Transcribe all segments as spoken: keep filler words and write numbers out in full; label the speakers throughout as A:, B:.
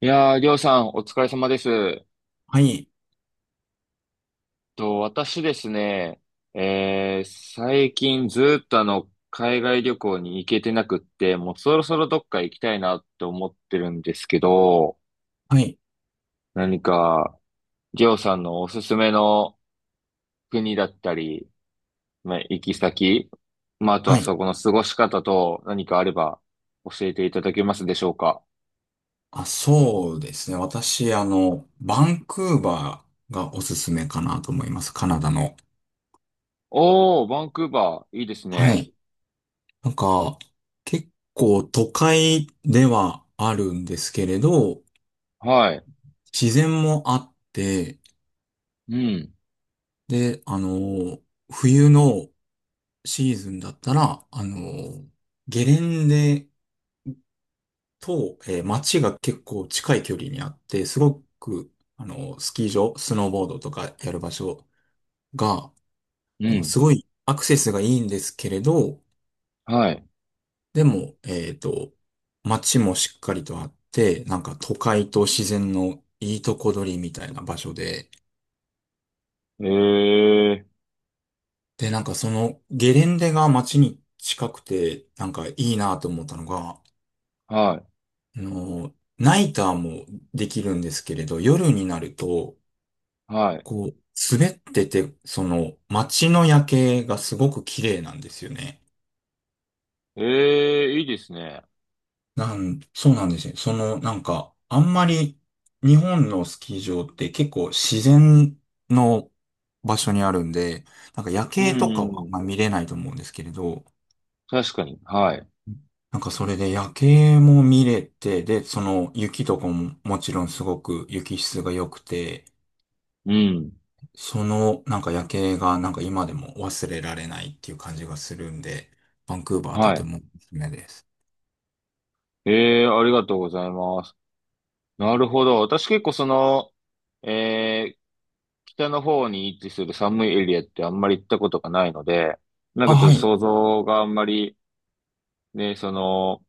A: いやー、りょうさん、お疲れ様です。えっ
B: はい、
A: と、私ですね、えー、最近ずーっとあの、海外旅行に行けてなくって、もうそろそろどっか行きたいなって思ってるんですけど、
B: はい、
A: 何か、りょうさんのおすすめの国だったり、まあ、行き先、まあ、あと
B: は
A: は
B: い。
A: そこの過ごし方と何かあれば教えていただけますでしょうか。
B: あ、そうですね。私、あの、バンクーバーがおすすめかなと思います。カナダの。
A: おー、バンクーバー、いいです
B: は
A: ね。
B: い。なんか、結構都会ではあるんですけれど、
A: はい。
B: 自然もあって、
A: うん、
B: で、あの、冬のシーズンだったら、あの、ゲレンデと、えー街が結構近い距離にあって、すごく、あの、スキー場、スノーボードとかやる場所が、
A: う
B: あの、
A: ん、
B: すごいアクセスがいいんですけれど、
A: はい。
B: でも、えっと、街もしっかりとあって、なんか都会と自然のいいとこ取りみたいな場所で、
A: えー。
B: で、なんかそのゲレンデが街に近くて、なんかいいなと思ったのが、
A: は
B: あの、ナイターもできるんですけれど、夜になると、
A: い、はい。
B: こう、滑ってて、その街の夜景がすごく綺麗なんですよね。
A: ええ、いいですね。
B: なん、そうなんですよ。その、なんか、あんまり日本のスキー場って結構自然の場所にあるんで、なんか夜
A: う
B: 景とかはあん
A: ん、
B: ま見れないと思うんですけれど、
A: 確かに。はい。
B: なんかそれで夜景も見れて、で、その雪とかももちろんすごく雪質が良くて、
A: うん、
B: そのなんか夜景がなんか今でも忘れられないっていう感じがするんで、バンクーバーと
A: は
B: て
A: い。
B: もおすすめです。
A: ええ、ありがとうございます。なるほど。私結構その、ええ北の方に位置する寒いエリアってあんまり行ったことがないので、なん
B: あ、
A: かちょっ
B: は
A: と
B: い。
A: 想像があんまり、ね、その、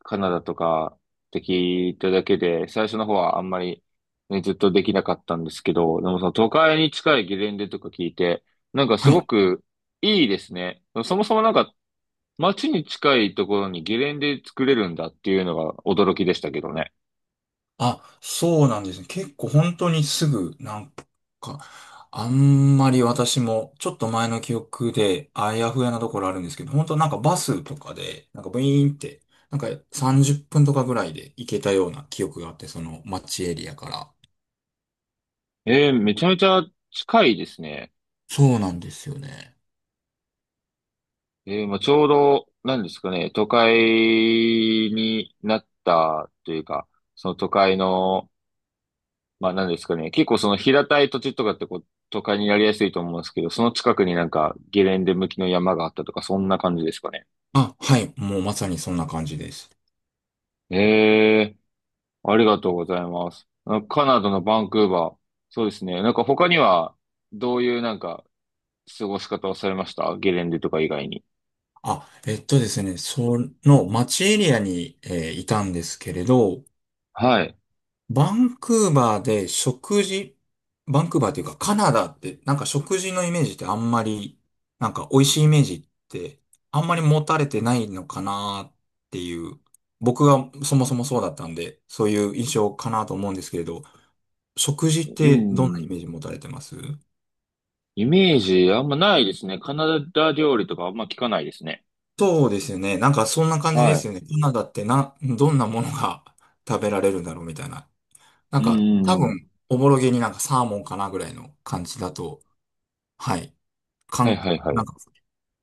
A: カナダとかって聞いただけで、最初の方はあんまり、ね、ずっとできなかったんですけど、でもその都会に近いゲレンデとか聞いて、なんか
B: は
A: すご
B: い。
A: くいいですね。そもそもなんか街に近いところにゲレンデ作れるんだっていうのが驚きでしたけどね。
B: あ、そうなんですね。結構本当にすぐ、なんか、あんまり私も、ちょっと前の記憶で、あやふやなところあるんですけど、本当なんかバスとかで、なんかブイーンって、なんかさんじゅっぷんとかぐらいで行けたような記憶があって、その街エリアから。
A: えー、めちゃめちゃ近いですね。
B: そうなんですよね。
A: えー、まあ、ちょうど、なんですかね、都会になったというか、その都会のまあ何ですかね。結構その平たい土地とかってこう、都会になりやすいと思うんですけど、その近くになんかゲレンデ向きの山があったとか、そんな感じですかね。
B: あ、はい。もうまさにそんな感じです。
A: ええ、ありがとうございます。あカナダのバンクーバー。そうですね。なんか他には、どういうなんか過ごし方をされましたゲレンデとか以外に。
B: あ、えっとですね、その街エリアに、えーいたんですけれど、
A: はい。
B: バンクーバーで食事、バンクーバーっていうかカナダってなんか食事のイメージってあんまり、なんか美味しいイメージってあんまり持たれてないのかなっていう、僕がそもそもそうだったんで、そういう印象かなと思うんですけれど、食事っ
A: う
B: てどんなイ
A: ん。
B: メージ持たれてます？
A: イメージあんまないですね。カナダ料理とかあんま聞かないですね。
B: そうですよね。なんかそんな感じで
A: は
B: すよね。カナダってな、どんなものが 食べられるんだろうみたいな。なん
A: い。う
B: か
A: んう
B: 多
A: んうん。
B: 分、おぼろげになんかサーモンかなぐらいの感じだと、はい。か
A: はい
B: ん、
A: はいは
B: なん
A: い。
B: か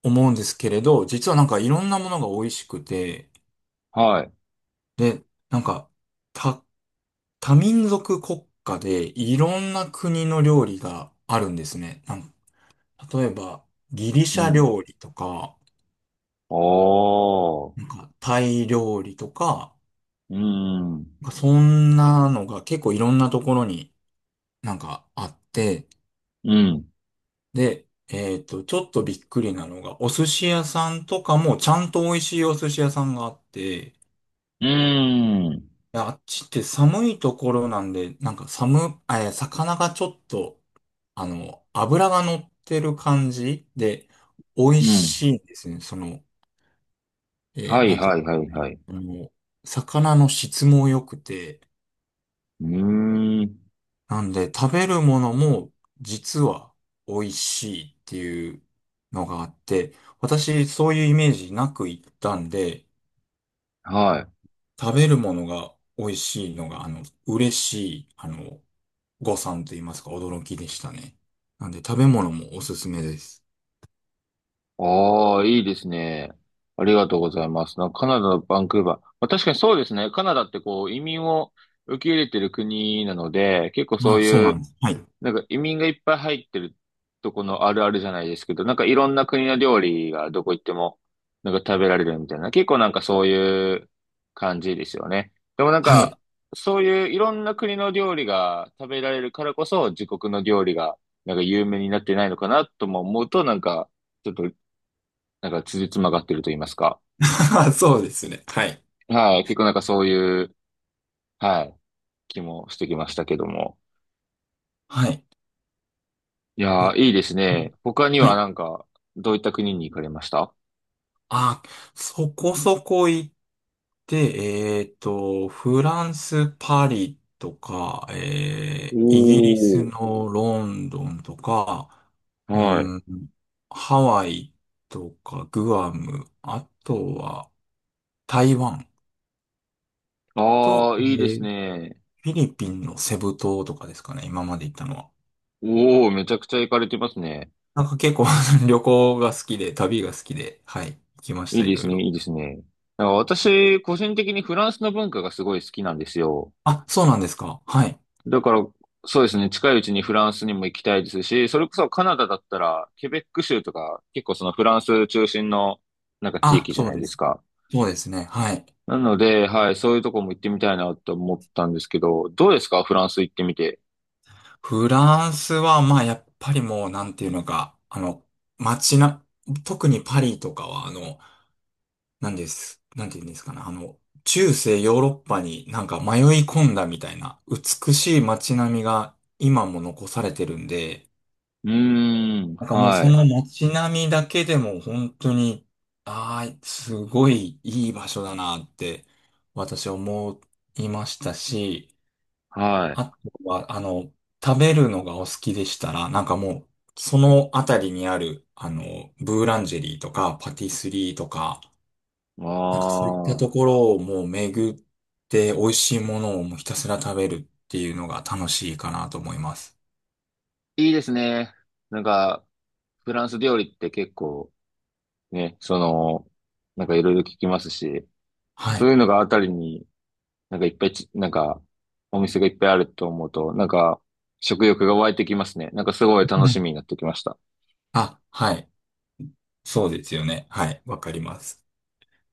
B: 思うんですけれど、実はなんかいろんなものが美味しくて、
A: はい。
B: で、なんか多、多民族国家でいろんな国の料理があるんですね。なんか例えばギリシ
A: う
B: ャ
A: ん。
B: 料理とか、
A: あ
B: なん
A: あ。
B: かタイ料理とか、
A: うーん。
B: なんかそんなのが結構いろんなところになんかあって、
A: うん。
B: で、えっと、ちょっとびっくりなのが、お寿司屋さんとかもちゃんと美味しいお寿司屋さんがあって、
A: うーん。
B: いやあっちって寒いところなんで、なんか寒、えー魚がちょっと、あの、脂が乗ってる感じで、美
A: う
B: 味
A: ん。
B: しいんですね。その、え
A: は
B: ー
A: い
B: なんてい
A: は
B: う
A: いはいはい。
B: の、あの、魚の質も良くて、
A: うーん。
B: なんで食べるものも実は美味しいっていうのがあって、私そういうイメージなく行ったんで、
A: はい。
B: 食べるものが美味しいのが、あの、嬉しい、あの、誤算と言いますか、驚きでしたね。なんで、食べ物もおすすめです。
A: ああ、いいですね。ありがとうございます。なカナダのバンクーバー。まあ、確かにそうですね。カナダってこう移民を受け入れてる国なので、結構
B: ま
A: そう
B: あ、そう
A: い
B: なん
A: う
B: です。はい。
A: なんか移民がいっぱい入ってるとこのあるあるじゃないですけど、なんかいろんな国の料理がどこ行ってもなんか食べられるみたいな、結構なんかそういう感じですよね。でもなん
B: はい。
A: か、そういういろんな国の料理が食べられるからこそ、自国の料理がなんか有名になってないのかなとも思うと、なんか、ちょっと、なんか辻褄が合ってると言いますか。
B: そうですね。はい。
A: はい、結構なんかそういう、はい、気もしてきましたけども。
B: はい。
A: いやー、いいです
B: や
A: ね。他に
B: は
A: は
B: い。
A: なんか、どういった国に行かれました？
B: あ、そこそこ行って、えっと、フランス・パリとか、
A: お
B: えー、イギリス
A: ー。
B: のロンドンとか、
A: はい。
B: うん、ハワイとか、グアム、あとは台湾と、
A: ああ、
B: え
A: いいです
B: ー
A: ね。
B: フィリピンのセブ島とかですかね、今まで行ったのは。
A: おお、めちゃくちゃ行かれてますね。
B: なんか結構 旅行が好きで、旅が好きで、はい、行きまし
A: いい
B: た、い
A: で
B: ろ
A: す
B: い
A: ね、
B: ろ。
A: いいですね。なんか私、個人的にフランスの文化がすごい好きなんですよ。
B: あ、そうなんですか。はい。
A: だから、そうですね、近いうちにフランスにも行きたいですし、それこそカナダだったら、ケベック州とか、結構そのフランス中心の、なんか地
B: あ、
A: 域じゃ
B: そう
A: ない
B: で
A: です
B: す。
A: か。
B: そうですね。はい。
A: なので、はい、そういうとこも行ってみたいなと思ったんですけど、どうですかフランス行ってみて？
B: フランスは、まあ、やっぱりもう、なんていうのか、あの、街な、特にパリとかは、あの、なんです、なんていうんですかね、あの、中世ヨーロッパになんか迷い込んだみたいな、美しい街並みが今も残されてるんで、
A: うーん、
B: なんかもう
A: は
B: そ
A: い、
B: の街並みだけでも本当に、ああ、すごいいい場所だなって私思いましたし、
A: はい。
B: あとは、あの、食べるのがお好きでしたら、なんかもう、そのあたりにある、あの、ブーランジェリーとかパティスリーとか、
A: あ
B: なんかそういったと
A: あ。
B: ころをもう巡って美味しいものをもうひたすら食べるっていうのが楽しいかなと思います。
A: いいですね。なんか、フランス料理って結構ね、その、なんかいろいろ聞きますし、
B: は
A: そう
B: い。
A: いうのがあたりになんかいっぱいち、なんかお店がいっぱいあると思うと、なんか食欲が湧いてきますね。なんかすごい楽
B: う
A: し
B: ん
A: みになってきました。
B: あ、はい。そうですよね。はい。わかります。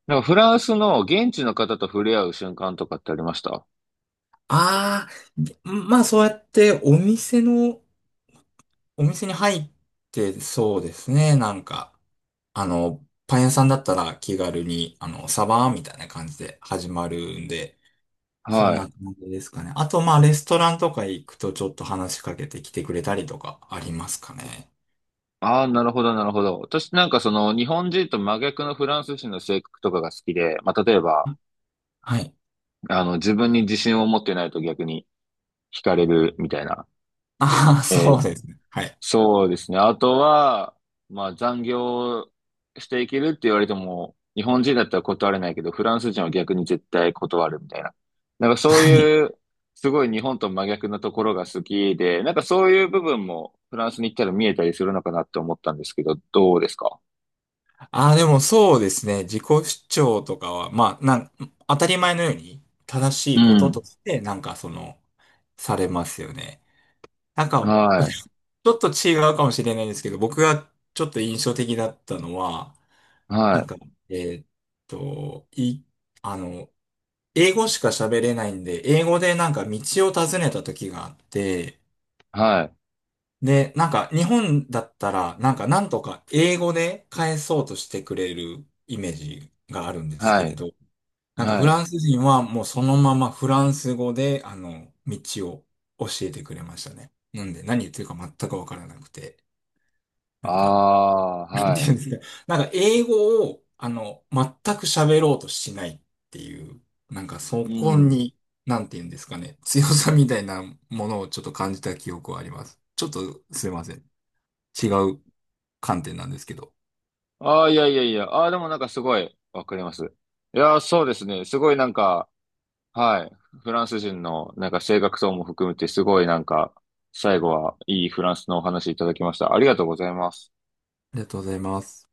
A: なんかフランスの現地の方と触れ合う瞬間とかってありました？
B: ああ、まあそうやってお店の、お店に入ってそうですね。なんか、あの、パン屋さんだったら気軽に、あの、サバーみたいな感じで始まるんで、そん
A: はい。
B: な感じですかね。あと、まあレストランとか行くとちょっと話しかけてきてくれたりとかありますかね。
A: ああ、なるほど、なるほど。私なんかその日本人と真逆のフランス人の性格とかが好きで、まあ例えば、
B: はい。
A: あの自分に自信を持ってないと逆に惹かれるみたいな。
B: ああ、
A: え
B: そうで
A: ー
B: すね。はい。
A: そうですね。あとは、まあ残業していけるって言われても、日本人だったら断れないけど、フランス人は逆に絶対断るみたいな。なんかそういう、すごい日本と真逆なところが好きで、なんかそういう部分もフランスに行ったら見えたりするのかなって思ったんですけど、どうですか？
B: ああ、でもそうですね。自己主張とかは、まあ、なん、当たり前のように正し
A: う
B: いこと
A: ん。
B: として、なんかその、されますよね。なんか、
A: は
B: ちょっと違うかもしれないんですけど、僕がちょっと印象的だったのは、
A: い。は
B: なんか、
A: い。
B: えーっと、い、あの、英語しか喋れないんで、英語でなんか道を尋ねた時があって、
A: はい。
B: で、なんか日本だったら、なんかなんとか英語で返そうとしてくれるイメージがあるんです
A: は
B: けれ
A: い。
B: ど、なんかフ
A: はい。
B: ランス人はもうそのままフランス語で、あの、道を教えてくれましたね。なんで何言ってるか全くわからなくて。な
A: あ
B: んか、
A: あ、
B: なんて
A: は
B: いう
A: い。
B: んですか。なんか英語を、あの、全く喋ろうとしないっていう、なんかそ
A: う
B: こ
A: ん。
B: に、なんていうんですかね。強さみたいなものをちょっと感じた記憶はあります。ちょっとすいません。違う観点なんですけど。
A: ああ、いやいやいや。ああ、でもなんかすごいわかります。いやー、そうですね。すごいなんか、はい。フランス人のなんか性格等も含めてすごいなんか、最後はいいフランスのお話いただきました。ありがとうございます。
B: ありがとうございます。